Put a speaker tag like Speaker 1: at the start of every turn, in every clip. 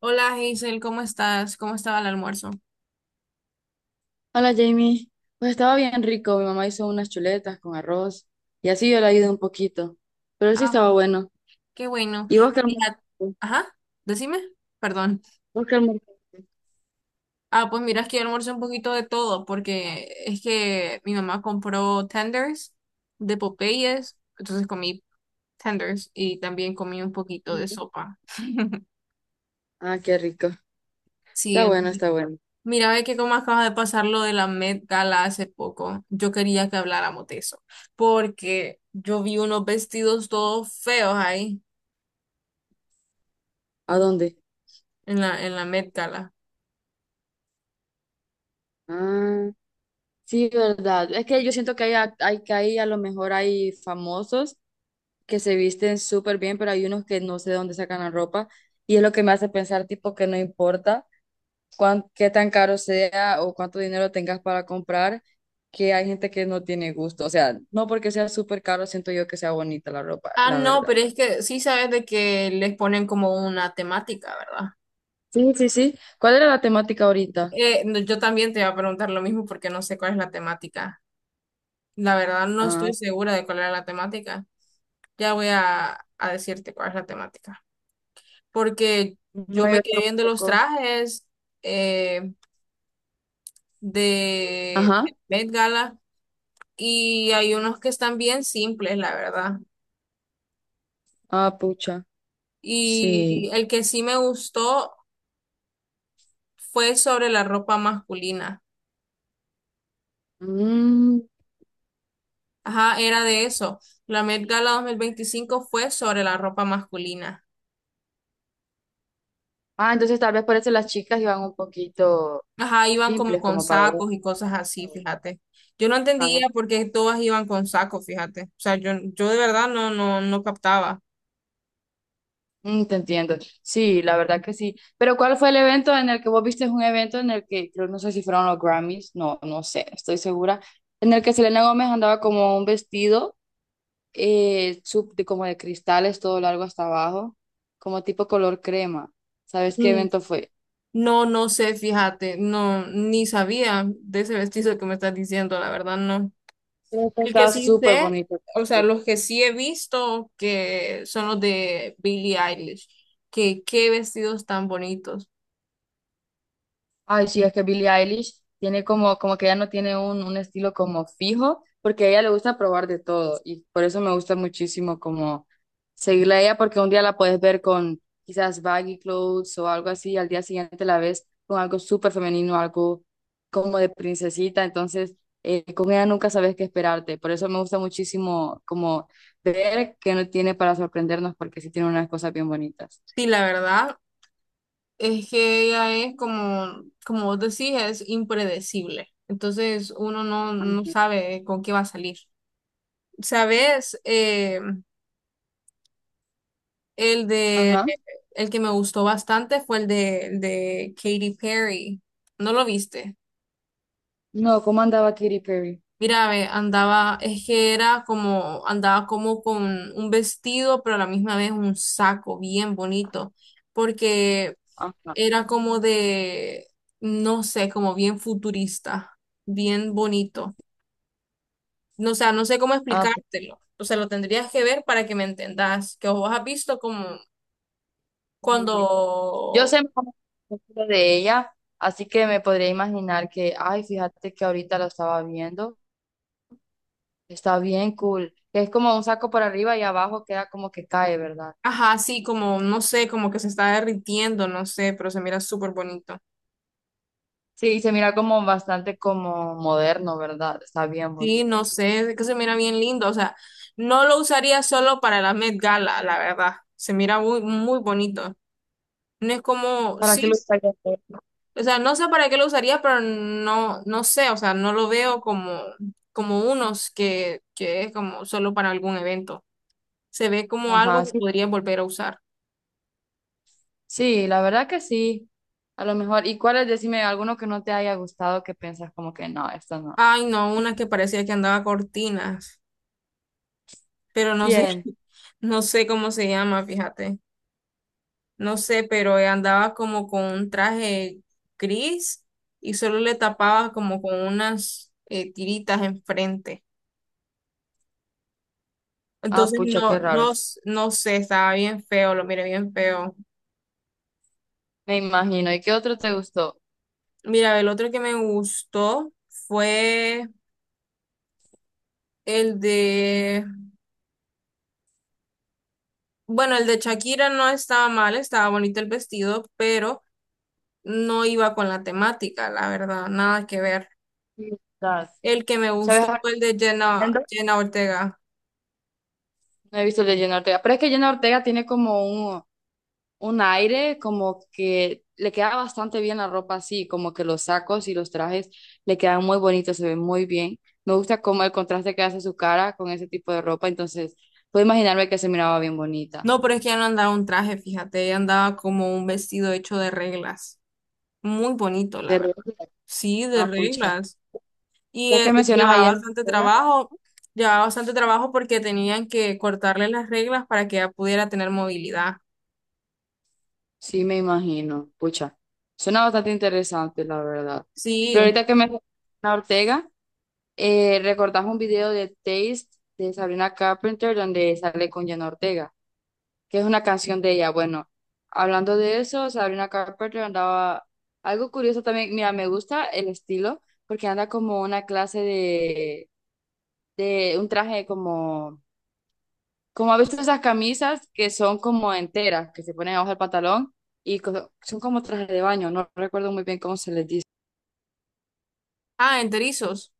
Speaker 1: Hola Hazel, ¿cómo estás? ¿Cómo estaba el almuerzo?
Speaker 2: Hola Jamie, pues estaba bien rico, mi mamá hizo unas chuletas con arroz y así yo le ayudé un poquito, pero sí
Speaker 1: Ah,
Speaker 2: estaba
Speaker 1: bueno.
Speaker 2: bueno.
Speaker 1: Qué bueno.
Speaker 2: ¿Y vos qué
Speaker 1: Mira,
Speaker 2: almorzaste?
Speaker 1: ajá, decime, perdón.
Speaker 2: ¿Vos qué almorzaste?
Speaker 1: Ah, pues mira, es que yo almuerzo un poquito de todo, porque es que mi mamá compró tenders de Popeyes, entonces comí tenders y también comí un poquito de
Speaker 2: Ujú.
Speaker 1: sopa.
Speaker 2: Ah, qué rico,
Speaker 1: Sí,
Speaker 2: está bueno, está bueno.
Speaker 1: mira, ve que como acaba de pasar lo de la Met Gala hace poco, yo quería que habláramos de eso, porque yo vi unos vestidos todos feos ahí
Speaker 2: ¿A dónde?
Speaker 1: en la Met Gala.
Speaker 2: Ah, sí, verdad, es que yo siento que hay, hay que ahí a lo mejor hay famosos que se visten súper bien, pero hay unos que no sé de dónde sacan la ropa y es lo que me hace pensar tipo que no importa qué tan caro sea o cuánto dinero tengas para comprar, que hay gente que no tiene gusto. O sea, no porque sea súper caro, siento yo que sea bonita la ropa,
Speaker 1: Ah,
Speaker 2: la
Speaker 1: no,
Speaker 2: verdad.
Speaker 1: pero es que sí sabes de que les ponen como una temática, ¿verdad?
Speaker 2: Sí, sí, sí. ¿Cuál era la temática ahorita?
Speaker 1: No, yo también te iba a preguntar lo mismo porque no sé cuál es la temática. La verdad no
Speaker 2: Ah,
Speaker 1: estoy segura de cuál era la temática. Ya voy a decirte cuál es la temática. Porque yo
Speaker 2: no,
Speaker 1: me
Speaker 2: yo
Speaker 1: quedé viendo los
Speaker 2: tampoco.
Speaker 1: trajes eh,
Speaker 2: Ajá.
Speaker 1: de Met Gala y hay unos que están bien simples, la verdad.
Speaker 2: Ah, pucha. Sí.
Speaker 1: Y el que sí me gustó fue sobre la ropa masculina.
Speaker 2: Mm.
Speaker 1: Ajá, era de eso. La Met Gala 2025 fue sobre la ropa masculina.
Speaker 2: Ah, entonces tal vez por eso las chicas iban un poquito
Speaker 1: Ajá, iban como
Speaker 2: simples
Speaker 1: con
Speaker 2: como para ir.
Speaker 1: sacos y cosas así, fíjate. Yo no entendía por qué todas iban con sacos, fíjate. O sea, yo de verdad no, no, no captaba.
Speaker 2: Mm, te entiendo. Sí, la verdad que sí. Pero ¿cuál fue el evento en el que vos viste? Un evento en el que, creo, no sé si fueron los Grammys, no, no sé, estoy segura, en el que Selena Gómez andaba como un vestido como de cristales todo largo hasta abajo, como tipo color crema. ¿Sabes qué
Speaker 1: Mm,
Speaker 2: evento fue?
Speaker 1: No, no sé, fíjate, no, ni sabía de ese vestido que me estás diciendo, la verdad, no.
Speaker 2: Creo que
Speaker 1: El que
Speaker 2: estaba
Speaker 1: sí
Speaker 2: súper
Speaker 1: sé,
Speaker 2: bonito.
Speaker 1: o sea, los que sí he visto que son los de Billie Eilish, que qué vestidos tan bonitos.
Speaker 2: Ay, sí, es que Billie Eilish tiene como, como que ella no tiene un estilo como fijo, porque a ella le gusta probar de todo y por eso me gusta muchísimo como seguirla a ella, porque un día la puedes ver con quizás baggy clothes o algo así, y al día siguiente la ves con algo súper femenino, algo como de princesita, entonces con ella nunca sabes qué esperarte, por eso me gusta muchísimo como ver qué no tiene para sorprendernos, porque sí tiene unas cosas bien bonitas.
Speaker 1: Sí, la verdad, es que ella es como, como vos decís, es impredecible. Entonces uno no, no
Speaker 2: Ajá.
Speaker 1: sabe con qué va a salir. ¿Sabes? El de,
Speaker 2: Ajá.
Speaker 1: el que me gustó bastante fue el de Katy Perry. ¿No lo viste?
Speaker 2: No, ¿cómo andaba Katy Perry?
Speaker 1: Mira, ve, andaba, es que era como, andaba como con un vestido, pero a la misma vez un saco bien bonito, porque
Speaker 2: Ajá.
Speaker 1: era como de, no sé, como bien futurista, bien bonito. No, o sea, no sé cómo
Speaker 2: Ah, pues,
Speaker 1: explicártelo. O sea, lo tendrías que ver para que me entendas, que vos has visto como cuando,
Speaker 2: mm, yo sé más o menos de ella, así que me podría imaginar que, ay, fíjate que ahorita lo estaba viendo, está bien cool, que es como un saco por arriba y abajo queda como que cae, ¿verdad?
Speaker 1: ajá, sí, como, no sé, como que se está derritiendo, no sé, pero se mira súper bonito.
Speaker 2: Sí, y se mira como bastante como moderno, ¿verdad? Está bien
Speaker 1: Sí,
Speaker 2: bonito.
Speaker 1: no sé, es que se mira bien lindo, o sea, no lo usaría solo para la Met Gala, la verdad, se mira muy, muy bonito. No es como,
Speaker 2: ¿Para qué
Speaker 1: sí,
Speaker 2: lo estaría haciendo?
Speaker 1: o sea, no sé para qué lo usaría, pero no, no sé, o sea, no lo veo como, como unos que es como solo para algún evento. Se ve como algo
Speaker 2: Ajá,
Speaker 1: que
Speaker 2: sí,
Speaker 1: podría volver a usar.
Speaker 2: sí, la verdad que sí, a lo mejor. ¿Y cuál es? Decime alguno que no te haya gustado que piensas como que no, esto no.
Speaker 1: Ay, no, una que parecía que andaba cortinas, pero no sé,
Speaker 2: ¿Quién?
Speaker 1: no sé cómo se llama, fíjate. No sé, pero andaba como con un traje gris y solo le tapaba como con unas tiritas enfrente.
Speaker 2: Ah,
Speaker 1: Entonces
Speaker 2: pucha, qué raro.
Speaker 1: no sé, estaba bien feo, lo miré bien feo.
Speaker 2: Me imagino. ¿Y qué otro te gustó?
Speaker 1: Mira, el otro que me gustó fue el de, bueno, el de Shakira no estaba mal, estaba bonito el vestido, pero no iba con la temática, la verdad, nada que ver.
Speaker 2: Sí.
Speaker 1: El que me
Speaker 2: ¿Sabes?
Speaker 1: gustó
Speaker 2: Ahora
Speaker 1: fue el de
Speaker 2: entiendo.
Speaker 1: Jenna Ortega.
Speaker 2: No he visto el de Jenna Ortega, pero es que Jenna Ortega tiene como un aire, como que le queda bastante bien la ropa así, como que los sacos y los trajes le quedan muy bonitos, se ven muy bien. Me gusta como el contraste que hace su cara con ese tipo de ropa, entonces puedo imaginarme que se miraba bien bonita.
Speaker 1: No, pero es que ya no andaba un traje, fíjate, ella andaba como un vestido hecho de reglas. Muy bonito, la
Speaker 2: De
Speaker 1: verdad.
Speaker 2: repente,
Speaker 1: Sí, de
Speaker 2: ah, pucha.
Speaker 1: reglas. Y
Speaker 2: Ya que mencionas a Jenna Ortega,
Speaker 1: llevaba bastante trabajo porque tenían que cortarle las reglas para que ella pudiera tener movilidad.
Speaker 2: sí me imagino, pucha. Suena bastante interesante, la verdad. Pero
Speaker 1: Sí.
Speaker 2: ahorita que me Jenna Ortega. Recordás un video de Taste de Sabrina Carpenter donde sale con Jenna Ortega, que es una canción de ella. Bueno, hablando de eso, Sabrina Carpenter andaba algo curioso también. Mira, me gusta el estilo porque anda como una clase de un traje como, como a veces esas camisas que son como enteras, que se ponen abajo del pantalón y son como trajes de baño. No recuerdo muy bien cómo se les dice.
Speaker 1: Ah, enterizos.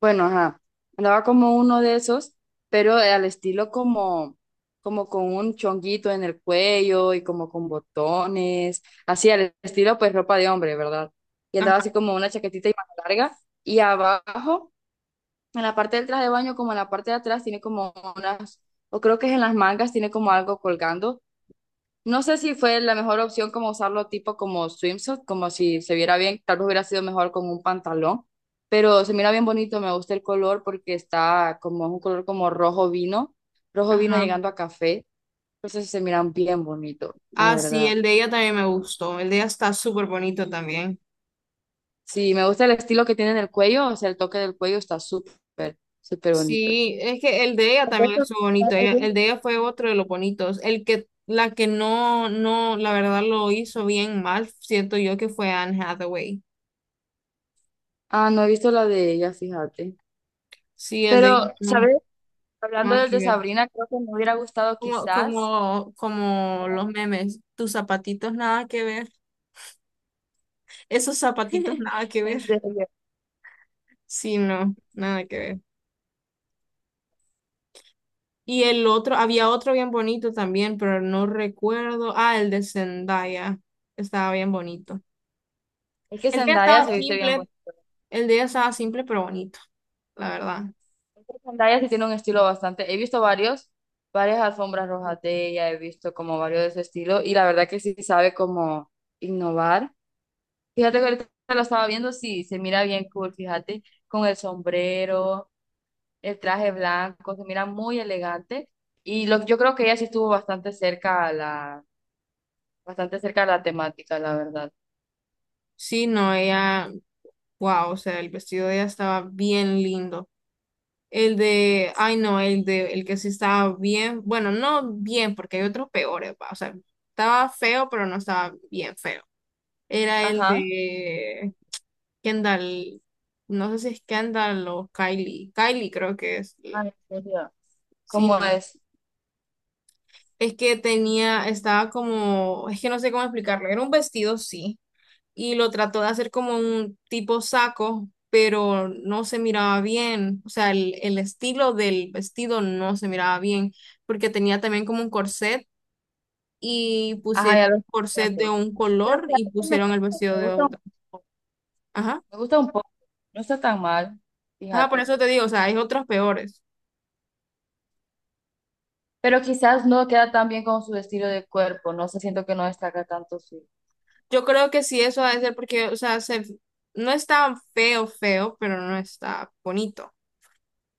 Speaker 2: Bueno, ajá, andaba como uno de esos, pero al estilo como, como con un chonguito en el cuello y como con botones, así al estilo pues ropa de hombre, ¿verdad? Y
Speaker 1: Ajá,
Speaker 2: andaba así como una chaquetita y manga larga y abajo, en la parte del traje de baño, como en la parte de atrás, tiene como unas, o creo que es en las mangas, tiene como algo colgando. No sé si fue la mejor opción como usarlo tipo como swimsuit, como si se viera bien, tal vez hubiera sido mejor con un pantalón, pero se mira bien bonito, me gusta el color porque está como es un color como rojo vino
Speaker 1: ajá.
Speaker 2: llegando a café, entonces se miran bien bonito, la
Speaker 1: Ah, sí,
Speaker 2: verdad.
Speaker 1: el de ella también me gustó. El de ella está súper bonito también.
Speaker 2: Sí, me gusta el estilo que tiene en el cuello, o sea, el toque del cuello está súper, súper bonito.
Speaker 1: Sí, es que el de ella también
Speaker 2: Entonces,
Speaker 1: es bonito.
Speaker 2: ¿cuál sería?
Speaker 1: El de ella fue otro de los bonitos. La que no, no, la verdad lo hizo bien mal, siento yo que fue Anne Hathaway.
Speaker 2: Ah, no he visto la de ella, fíjate.
Speaker 1: Sí, el de ella
Speaker 2: Pero,
Speaker 1: no,
Speaker 2: ¿sabes? Hablando
Speaker 1: nada
Speaker 2: del
Speaker 1: que
Speaker 2: de
Speaker 1: ver.
Speaker 2: Sabrina, creo que me hubiera gustado
Speaker 1: Como,
Speaker 2: quizás.
Speaker 1: como, como los memes, tus zapatitos nada que ver, esos zapatitos nada que ver.
Speaker 2: En serio.
Speaker 1: Sí, no, nada que ver. Y el otro, había otro bien bonito también, pero no recuerdo. Ah, el de Zendaya. Estaba bien bonito.
Speaker 2: Es que
Speaker 1: El día
Speaker 2: Zendaya
Speaker 1: estaba
Speaker 2: se viste bien
Speaker 1: simple,
Speaker 2: bonita.
Speaker 1: el día estaba simple pero bonito, la verdad.
Speaker 2: Es que Zendaya sí tiene un estilo bastante. He visto varias alfombras rojas de ella, he visto como varios de ese estilo y la verdad que sí sabe como innovar. Fíjate que ahorita lo estaba viendo, sí, se mira bien cool, fíjate, con el sombrero, el traje blanco, se mira muy elegante y lo, yo creo que ella sí estuvo bastante cerca a bastante cerca a la temática, la verdad.
Speaker 1: Sí, no, ella, wow, o sea, el vestido de ella estaba bien lindo. El de, ay no, el de, el que sí estaba bien, bueno, no bien, porque hay otros peores, va. O sea, estaba feo, pero no estaba bien feo. Era el
Speaker 2: Ajá.
Speaker 1: de Kendall, no sé si es Kendall o Kylie, Kylie creo que es,
Speaker 2: Ah, en serio.
Speaker 1: sí,
Speaker 2: ¿Cómo
Speaker 1: no.
Speaker 2: es?
Speaker 1: Es que tenía, estaba como, es que no sé cómo explicarlo, era un vestido, sí y lo trató de hacer como un tipo saco, pero no se miraba bien, o sea, el estilo del vestido no se miraba bien, porque tenía también como un corset y
Speaker 2: Ajá,
Speaker 1: pusieron
Speaker 2: ya lo
Speaker 1: corset de
Speaker 2: siento.
Speaker 1: un
Speaker 2: Pero
Speaker 1: color y
Speaker 2: fíjate que me,
Speaker 1: pusieron el vestido
Speaker 2: me
Speaker 1: de
Speaker 2: gusta un
Speaker 1: otro.
Speaker 2: poco,
Speaker 1: Ajá,
Speaker 2: me gusta un poco, no está tan mal,
Speaker 1: ajá, por
Speaker 2: fíjate.
Speaker 1: eso te digo, o sea, hay otros peores.
Speaker 2: Pero quizás no queda tan bien con su estilo de cuerpo, no sé, siento que no destaca tanto su...
Speaker 1: Yo creo que sí, eso ha de ser porque, o sea, se, no está feo, feo, pero no está bonito.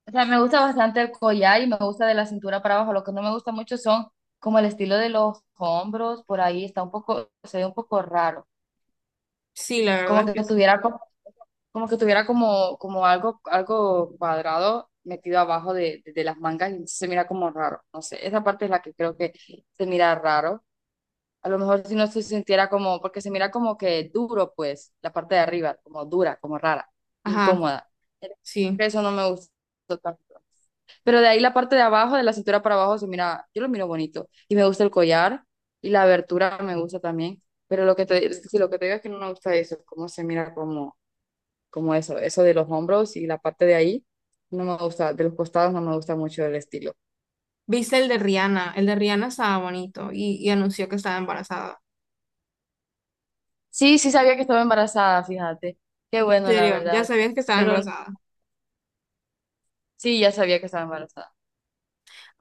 Speaker 2: O sea, me gusta bastante el collar y me gusta de la cintura para abajo. Lo que no me gusta mucho son como el estilo de los hombros, por ahí está un poco, se ve un poco raro.
Speaker 1: Sí, la verdad
Speaker 2: Como
Speaker 1: es
Speaker 2: que
Speaker 1: que.
Speaker 2: tuviera como, como que tuviera como, como algo, algo cuadrado metido abajo de las mangas y se mira como raro. No sé, esa parte es la que creo que se mira raro. A lo mejor si no se sintiera como, porque se mira como que duro, pues, la parte de arriba, como dura, como rara,
Speaker 1: Ajá,
Speaker 2: incómoda. Creo
Speaker 1: sí.
Speaker 2: que eso no me gustó tanto. Pero de ahí la parte de abajo, de la cintura para abajo, se mira, yo lo miro bonito. Y me gusta el collar y la abertura me gusta también. Pero lo que te, si lo que te digo es que no me gusta eso, cómo se mira como, como eso de los hombros y la parte de ahí, no me gusta, de los costados no me gusta mucho el estilo.
Speaker 1: ¿Viste el de Rihanna? El de Rihanna estaba bonito y anunció que estaba embarazada.
Speaker 2: Sí, sí sabía que estaba embarazada, fíjate. Qué
Speaker 1: En
Speaker 2: bueno, la
Speaker 1: serio, ya
Speaker 2: verdad.
Speaker 1: sabían que estaba
Speaker 2: Pero
Speaker 1: embarazada.
Speaker 2: sí, ya sabía que estaba embarazada.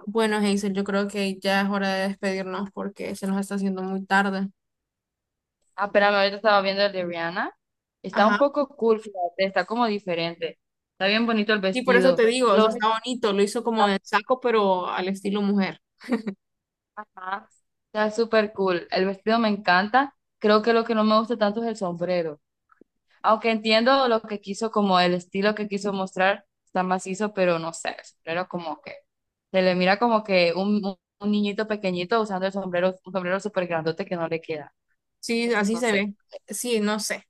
Speaker 1: Bueno, Hazel, yo creo que ya es hora de despedirnos porque se nos está haciendo muy tarde.
Speaker 2: Ah, espérame, ahorita estaba viendo el de Rihanna. Está
Speaker 1: Ajá.
Speaker 2: un poco cool, fíjate, está como diferente. Está bien bonito el
Speaker 1: Y por eso te
Speaker 2: vestido.
Speaker 1: digo, o
Speaker 2: Lo
Speaker 1: sea,
Speaker 2: único
Speaker 1: está
Speaker 2: que
Speaker 1: bonito, lo hizo
Speaker 2: está,
Speaker 1: como de saco, pero al estilo mujer.
Speaker 2: ajá, está súper cool. El vestido me encanta. Creo que lo que no me gusta tanto es el sombrero. Aunque entiendo lo que quiso, como el estilo que quiso mostrar, está macizo, pero no sé, el sombrero como que se le mira como que un, un niñito pequeñito usando el sombrero, un sombrero súper grandote que no le queda.
Speaker 1: Sí,
Speaker 2: Entonces,
Speaker 1: así
Speaker 2: no
Speaker 1: se
Speaker 2: sé.
Speaker 1: ve. Sí, no sé.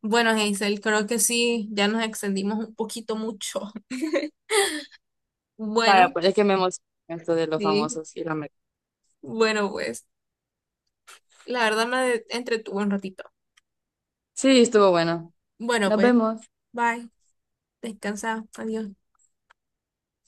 Speaker 1: Bueno, Hazel, creo que sí, ya nos extendimos un poquito mucho. Bueno,
Speaker 2: Vaya, pues es que me emociona esto de los
Speaker 1: sí.
Speaker 2: famosos y la América.
Speaker 1: Bueno, pues, la verdad me entretuvo un ratito.
Speaker 2: Sí, estuvo bueno.
Speaker 1: Bueno,
Speaker 2: Nos
Speaker 1: pues,
Speaker 2: vemos.
Speaker 1: bye. Descansa. Adiós.